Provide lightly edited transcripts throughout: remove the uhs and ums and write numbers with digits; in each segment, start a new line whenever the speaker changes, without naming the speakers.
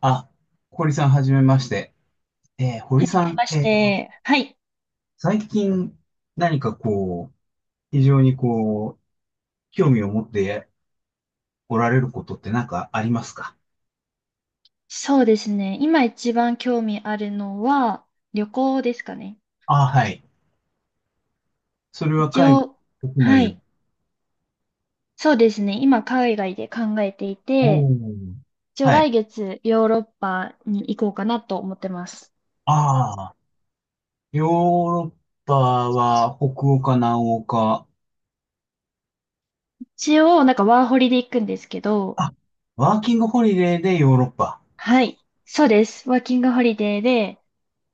あ、堀さん、はじめまして。
へえ
堀さん、
まして、はい。
最近何かこう、非常に興味を持っておられることって何かありますか？
そうですね。今一番興味あるのは旅行ですかね。
あ、はい。それは
一
海
応、
外、国
は
内？
い。そうですね。今海外で考えてい
お
て、
ー。
一応
はい。
来月ヨーロッパに行こうかなと思ってます。
ああ、ヨーロッパは北欧か南欧か？
一応なんかワーホリで行くんですけど、
あ、ワーキングホリデーでヨーロッパ。
はい。そうです。ワーキングホリデーで、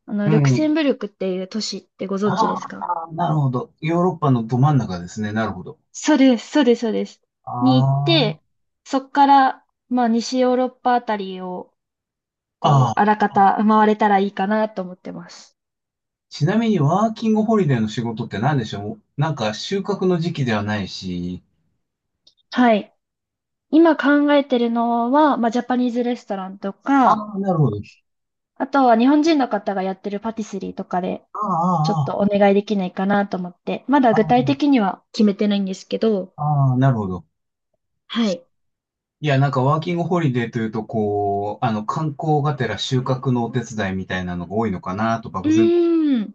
う
ルクセン
ん。
ブルクっていう都市ってご
あ
存知ですか？
あ、なるほど。ヨーロッパのど真ん中ですね。なるほど。
そうです、そうです、そうです。に行っ
あ
て、そっから、まあ、西ヨーロッパあたりをこ
あ。
う、あらかた回れたらいいかなと思ってます。
ちなみにワーキングホリデーの仕事って何でしょう？なんか収穫の時期ではないし。
はい。今考えてるのは、まあ、ジャパニーズレストランと
あ
か、
あ、なるほど。
あとは日本人の方がやってるパティスリーとかで、
あ
ちょっと
あ、
お願いできないかなと思って、まだ
ああ、
具体
あ
的には決めてないんですけど、
あ、ああなるほど。
はい。
いや、なんかワーキングホリデーというと、こう、あの、観光がてら収穫のお手伝いみたいなのが多いのかなと、
う
漠然と。
ーん、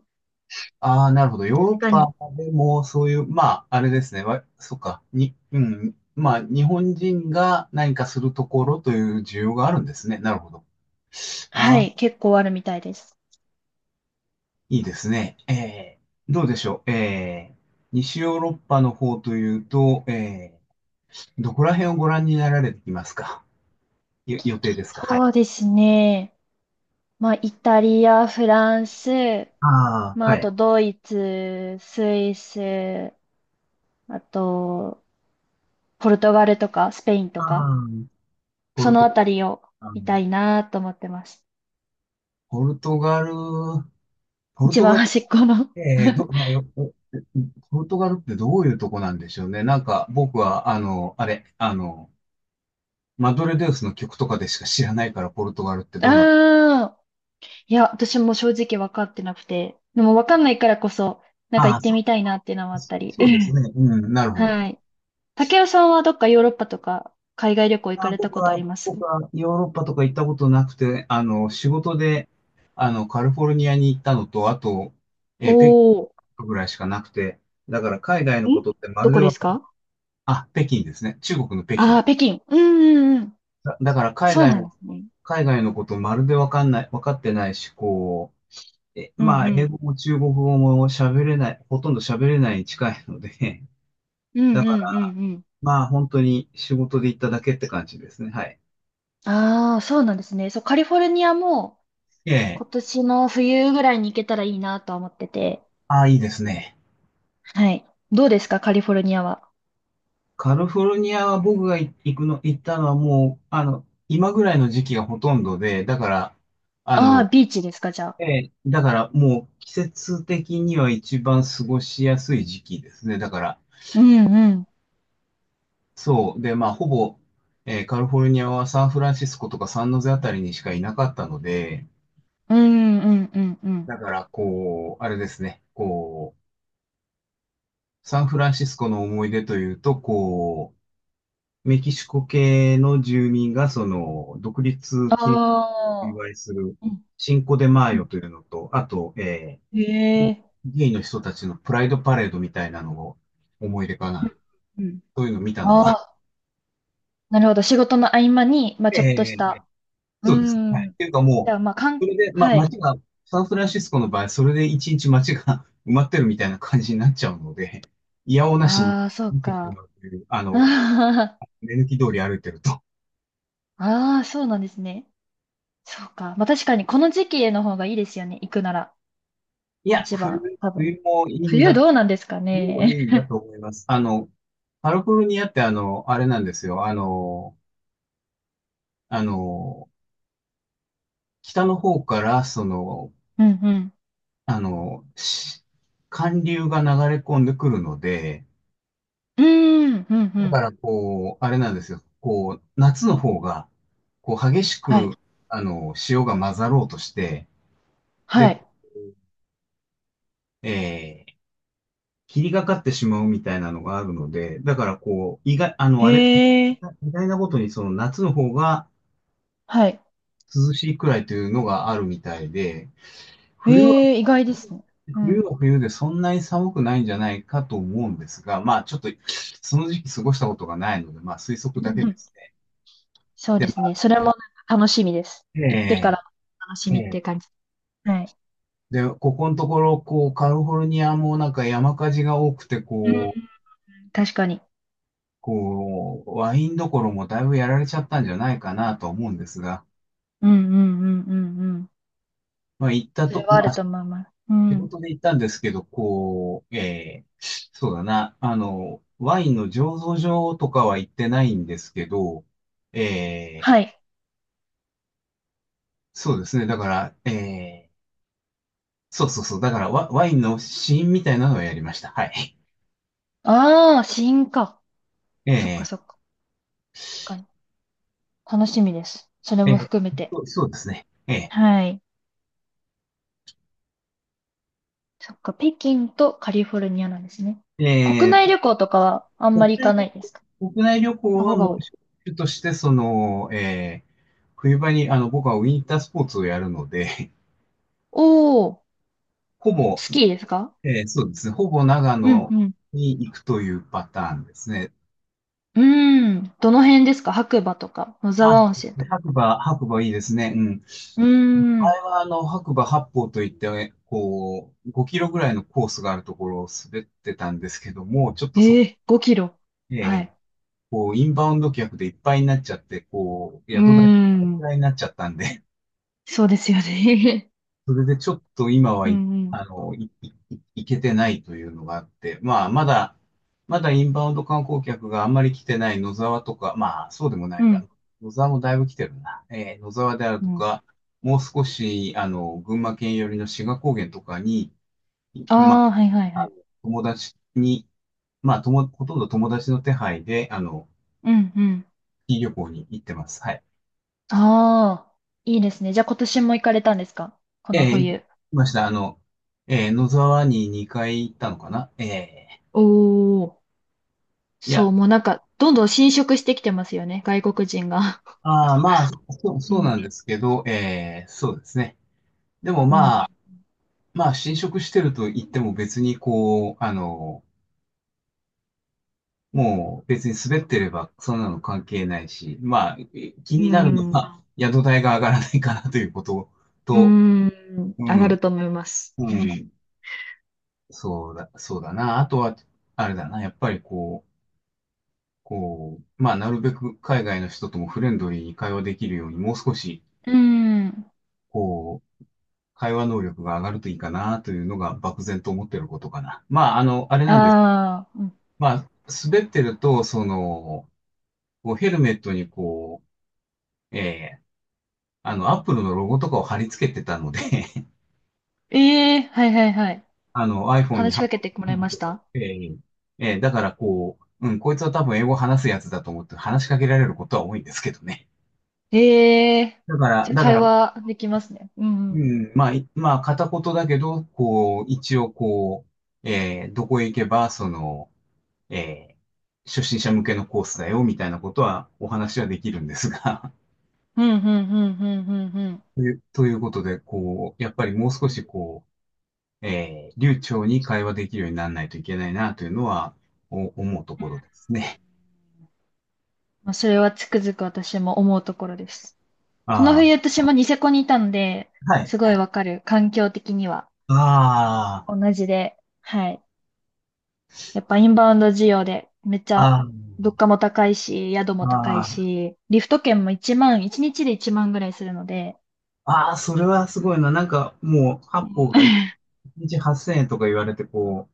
ああ、なるほど。ヨーロ
確
ッ
か
パ
に。
でもそういう、まあ、あれですね。わ、そっか。に、うん。まあ、日本人が何かするところという需要があるんですね。なるほど。
は
ああ、
い、結構あるみたいです。
いいですね。どうでしょう。西ヨーロッパの方というと、どこら辺をご覧になられていますか？よ予定ですか？はい。
そうですね。まあ、イタリア、フランス、
ああ、
まあ、
は
あ
い。
とドイツ、スイス、あと、ポルトガルとかスペイン
あ
とか、
あ、ポ
そ
ル
の
ト、
あたりを
あの
見たいなと思ってます。
ポルトガル、ポル
一
ト
番
ガル、
端っこの
ど、あよおポルトガルってどういうとこなんでしょうね。なんか僕は、あの、あれ、あの、マドレデウスの曲とかでしか知らないから、ポルトガルって どんな。
ああ、いや、私も正直分かってなくて、でも分かんないからこそ、なんか
あ
行っ
あ、
て
そう、
みたいなっていうのもあったり。
そうです ね。うん、なるほど。
はい。竹雄さんはどっかヨーロッパとか海外旅行行か
あ、
れた
僕
ことあ
は、
ります？
ヨーロッパとか行ったことなくて、あの、仕事で、あの、カリフォルニアに行ったのと、あと、
お
北
お
京ぐらいしかなくて、だから海外
ー、
のこ
ん
とってま
ど
るで
こで
わ
す
か
か？
あ、北京ですね。中国の北
あ
京。
あー、北京。うんうんうん。
だ、だから海
そう
外
なんで
の、
すね。
ことまるでわかんない、わかってないし、こう、え、
うんう
まあ、英
ん。
語も中国語も喋れない、ほとんど喋れないに近いので、
うんうん
だ
うん
から、
うん。
まあ、本当に仕事で行っただけって感じですね。はい。
ああ、そうなんですね。そう、カリフォルニアも
え
今
え。
年の冬ぐらいに行けたらいいなとは思ってて。
ああ、いいですね。
はい。どうですか、カリフォルニアは。
カリフォルニアは僕が行くの、行ったのはもう、あの、今ぐらいの時期がほとんどで、だから、あ
ああ、
の、
ビーチですか、じゃあ。
ええ、だからもう季節的には一番過ごしやすい時期ですね。だから、
うんうん。
そう。で、まあ、ほぼ、カリフォルニアはサンフランシスコとかサンノゼあたりにしかいなかったので、
うんうんうんうん。
だから、こう、あれですね、こう、サンフランシスコの思い出というと、こう、メキシコ系の住民が、その、独立記
あ
お祝
あ。
いする、
うん
シンコデマー
うん
ヨというのと、あと、
へ
ー、
え。
ゲイの人たちのプライドパレードみたいなのを思い出か
う
な。
んうん
そういうのを見たの
あ
が。
あ、なるほど。仕事の合間に、まあ ちょっと
え
し
ー、
た。う
そうです。はい。っ
ん。
ていうか
じ
も
ゃあ、まあ、かん、
う、それで、ま、
はい。
街が、サンフランシスコの場合、それで一日街が 埋まってるみたいな感じになっちゃうので、いやおうなしに
ああ、そう
見てし
か。
まうという、あ の、
あー
目抜き通り歩いてると。
あー、そうなんですね。そうか。まあ確かにこの時期への方がいいですよね。行くなら。
いや、
一番、
冬、
多分。
冬もいいん
冬
だ、
どうなんですか
冬もい
ね。
いんだと思います。あの、カリフォルニアってあの、あれなんですよ。あの、あの、北の方から、その、
うんうん。
あの、し寒流が流れ込んでくるので、
うーん、うんう
だ
ん。
からこう、あれなんですよ、こう、夏の方が、こう、激し
はい。
く、あの、潮が混ざろうとして、
は
で、
い。
えー、霧がかってしまうみたいなのがあるので、だからこう、意外、あの、
へ
あれ、
え。
意外なことにその夏の方が
はい。
涼しいくらいというのがあるみたいで、冬は、
へえ、意外ですね。う
冬
ん。
は冬でそんなに寒くないんじゃないかと思うんですが、まあちょっとその時期過ごしたことがないので、まあ推測
う
だ
ん
け
う
で
ん
すね。
そうですね。それもなんか楽しみです。行ってか
え
ら楽し
え、
みっ
え
て
え。
感じ。はい。
で、ここのところ、こう、カリフォルニアもなんか山火事が多くて、
うん。
こう、
確かに。
こう、ワインどころもだいぶやられちゃったんじゃないかなと思うんですが、
うんうんうんうんうん。
まあ行った
それ
と、
はあ
ま
る
あ
と思います。う
仕
ん。
事で行ったんですけど、こう、そうだな、あの、ワインの醸造所とかは行ってないんですけど、えー
はい。
そうですね、だから、そうそうそう、だからワ、ワインの試飲みたいなのをやりました。はい。
ああ、試か。そっか
え
そっか。確かに。楽しみです。それも含め
そ
て。
う、そうですね。
はい。そっか、北京とカリフォルニアなんですね。
ー
国
え
内
ー
旅行とかはあんま
国
り行
内
かな
旅、
いですか？
国内旅行
の
は
方が
も
多
う、
い。
主主として、その、冬場に、あの、僕はウィンタースポーツをやるので、
おー、
ほぼ、
スキーですか？
そうですね。ほぼ長
うん
野
うん。
に行くというパターンですね。
うーん。どの辺ですか？白馬とか、野
あ、
沢温泉とか。
白馬、白馬いいですね。うん。
うー
あ
ん。
れはあの、白馬八方といって、こう、5キロぐらいのコースがあるところを滑ってたんですけども、ちょっとそ、
ええ5キロ。
え
は
ー
い。
こう、インバウンド客でいっぱいになっちゃって、こう、
うー
宿代がいっ
ん。
ぱいになっちゃったんで
そうですよね。
それでちょっと今 は
う
い、
んうん。
あの、い、い、いいけてないというのがあって、まあ、まだ、まだインバウンド観光客があんまり来てない野沢とか、まあ、そうでもな
う
いか
ん。
な。野沢もだいぶ来てるな。野沢である
う
と
ん。
か、もう少し、あの、群馬県寄りの志賀高原とかに、
あ
ま
あ、はいはい
あ、
は
あの
い。
友達に、まあ、とも、ほとんど友達の手配で、あの、
うんうん。
いい旅行に行ってます。はい。
ああ、いいですね。じゃあ今年も行かれたんですか？この
行き
冬。
ました。あの、野沢に2回行ったのかな
おー、
い
そ
や、
う、もうなんか、どんどん侵食してきてますよね、外国人が。
ああ、まあ、そう、
う
そうなんで
ん、
すけど、そうですね。でも
う
まあ、
ん、
まあ、侵食してると言っても別にこう、あの、もう別に滑ってればそんなの関係ないし、まあ、え気
う
になるの
ん、
は宿代が上がらないかなということ
う
と、
ん、
う
上がる
ん、
と思います。
う ん、そうだ、そうだな。あとは、あれだな、やっぱりこう、こう、まあ、なるべく海外の人ともフレンドリーに会話できるように、もう少し、
うん。
こう、会話能力が上がるといいかなというのが漠然と思っていることかな。まあ、あの、あれ
あ
なんです。
あ、うん。
まあ、滑ってると、その、こうヘルメットにこう、あの、アップルのロゴとかを貼り付けてたので
ええはいはいはい。
あの、iPhone に
話し
貼っ
か
て
けてもらい
る
ま
と
し
か、
た？
だからこう、うん、こいつは多分英語話すやつだと思って話しかけられることは多いんですけどね。
ええ
だから、
じゃあ
だか
会
ら、
話できますね。うん。う
う
ん、
ん、まあ、いまあ、片言だけど、こう、一応こう、どこへ行けば、その、えー初心者向けのコースだよ、みたいなことはお話はできるんですが
うん、うん、うん、うん、うん。うん
という、ということで、こう、やっぱりもう少しこう、流暢に会話できるようにならないといけないな、というのは、お思うところですね。
まあ、それはつくづく私も思うところです。この
あ
冬私もニセコにいたので、
あ、はい。
すごいわかる。環境的には
あ
同じで。はい。やっぱインバウンド需要でめっち
あ、
ゃ
ああ、
物価も高いし、宿も高い
ああ、
し、リフト券も1万、1日で1万ぐらいするので。
ああ、それはすごいな。なんか、もう、八方が一 日8000円とか言われて、こ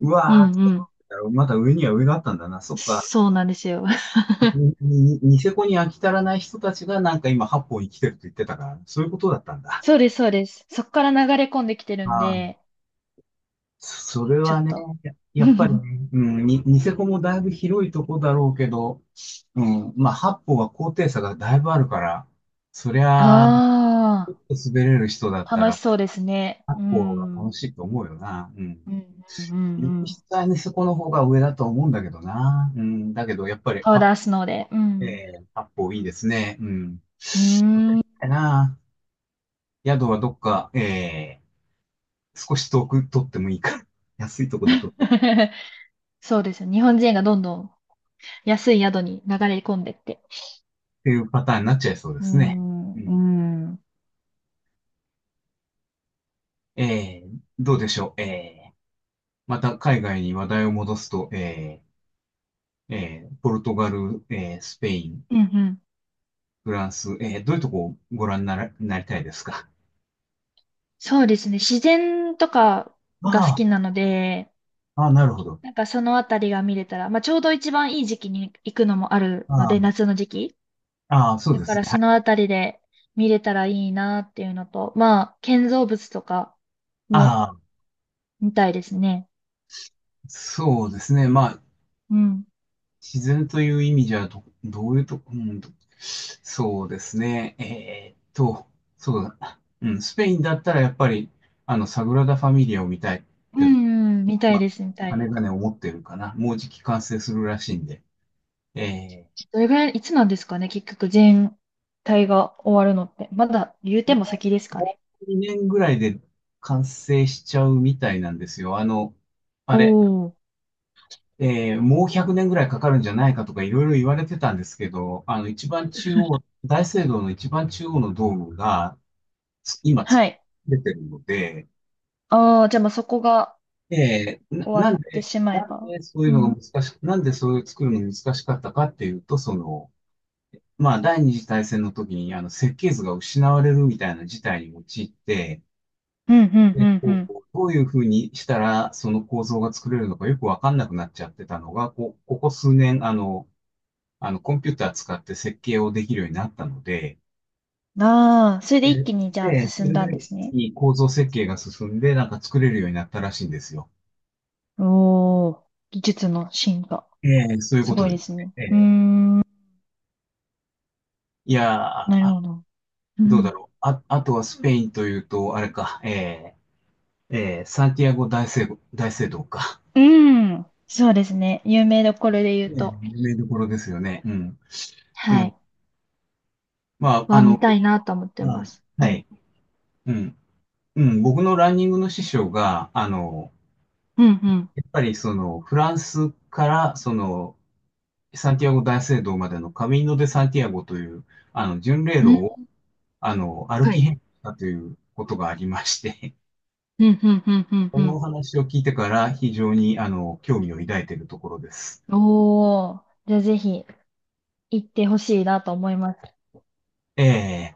う、う
うん
わーって、
うん。
まだ上には上があったんだな。そっか。
そうなんですよ。
ににニセコに飽き足らない人たちがなんか今八本生きてるって言ってたから、そういうことだったん だ。
そうです、そうです。そこから流れ込んできてるん
ああ、
で、
それ
ちょ
は
っ
ね、
と。
やっぱり ねニセコもだいぶ広いとこだろうけど、うん、まあ八本は高低差がだいぶあるから、そり
あ
ゃあ、ちょっと滑れる人だっ
あ、
た
楽し
ら
そうですね。
八
う
本が
ん。う
楽
ん
しいと思うよな。う
う
ん。
んうんう
雪
ん。
質はニセコの方が上だと思うんだけどな。うん、だけどやっぱり
パウダースノーで。うん。
八本いいですね。うん。
うーん。
なあ。宿はどっか、少し遠く取ってもいいから、安いとこで取っ
そうですよ。日本人がどんどん安い宿に流れ込んでって。
ていうパターンになっちゃいそうで
う
すね。
ん、
う
う
ん。
ん。うん
どうでしょう。また海外に話題を戻すと、ポルトガル、スペイン、
うん。
フランス、どういうとこをご覧になら、なりたいですか？
そうですね。自然とかが好
あ
きなので、
あ、ああ、なるほど。
なんかそのあたりが見れたら、まあちょうど一番いい時期に行くのもあるの
ああ、
で、夏の時期。
ああ、そう
だ
で
か
す
ら
ね。は
そ
い。
のあたりで見れたらいいなっていうのと、まあ建造物とか
あ
も
あ、
見たいですね。
そうですね。まあ、
うん。
自然という意味じゃどういうと、そうですね。そうだな。うん、スペインだったらやっぱり、あの、サグラダ・ファミリアを見たいっ
う
て、
んうん、見たい
まあ、
です、見たい
金
で
が
す。
ね、思ってるかな。もうじき完成するらしいんで。え
どれぐらい、いつなんですかね、結局全体が終わるのって。まだ言うても先です
ー、
か
も
ね。
う2年ぐらいで完成しちゃうみたいなんですよ。あの、あれ、
おー。
えーもう100年ぐらいかかるんじゃないかとかいろいろ言われてたんですけど、あの、一番中央、大聖堂の一番中央のドームが、今作
はい。
れてるので、
ああ、じゃあまあそこが終わってしまえ
なん
ば。
でそう
う
いうの
ん。う
が
ん、
難しく、なんでそういう作るのが難しかったかっていうと、その、まあ、第二次大戦の時に、あの、設計図が失われるみたいな事態に陥って、
うん、う
で、
ん、
こ
う
う、どういうふうにしたら、その構造が作れるのかよくわかんなくなっちゃってたのが、こう、ここ数年、あの、コンピューター使って設計をできるようになったので、
んああ、それで
で、
一気にじゃあ
でそ
進ん
れ
だんで
で
すね。
いい構造設計が進んで、なんか作れるようになったらしいんですよ。
おお技術の進化。
ええ、そういう
す
こ
ご
と
い
で
で
す
す
ね。
ね。
え
うー
え、
ん、
いやー、
なる
あ、
ほど。う
どうだ
ん。
ろう。あ、あとはスペインというと、あれか、ええ、ええ、サンティアゴ大聖、大聖堂か。
うん。そうですね。有名どころで言う
ええ、
と。
有名どころですよね。うん。う
は
ん。
い。
まあ、あ
は
の、
見たいなと思って
あ、
ます。う
は
ん。
い。うん。うん。僕のランニングの師匠が、あの、
うん、
やっぱりその、フランスから、その、サンティアゴ大聖堂までのカミーノ・デ・サンティアゴという、あの、巡礼
う
路
ん。うん、
を、あの、歩
は
き
い。
遍路したということがありまして、
うん、うん、うん、
そ
う
の
ん、
お話を聞いてから非常にあの興味を抱いているところです。
うん。おー。じゃあぜひ行ってほしいなと思います。
ええ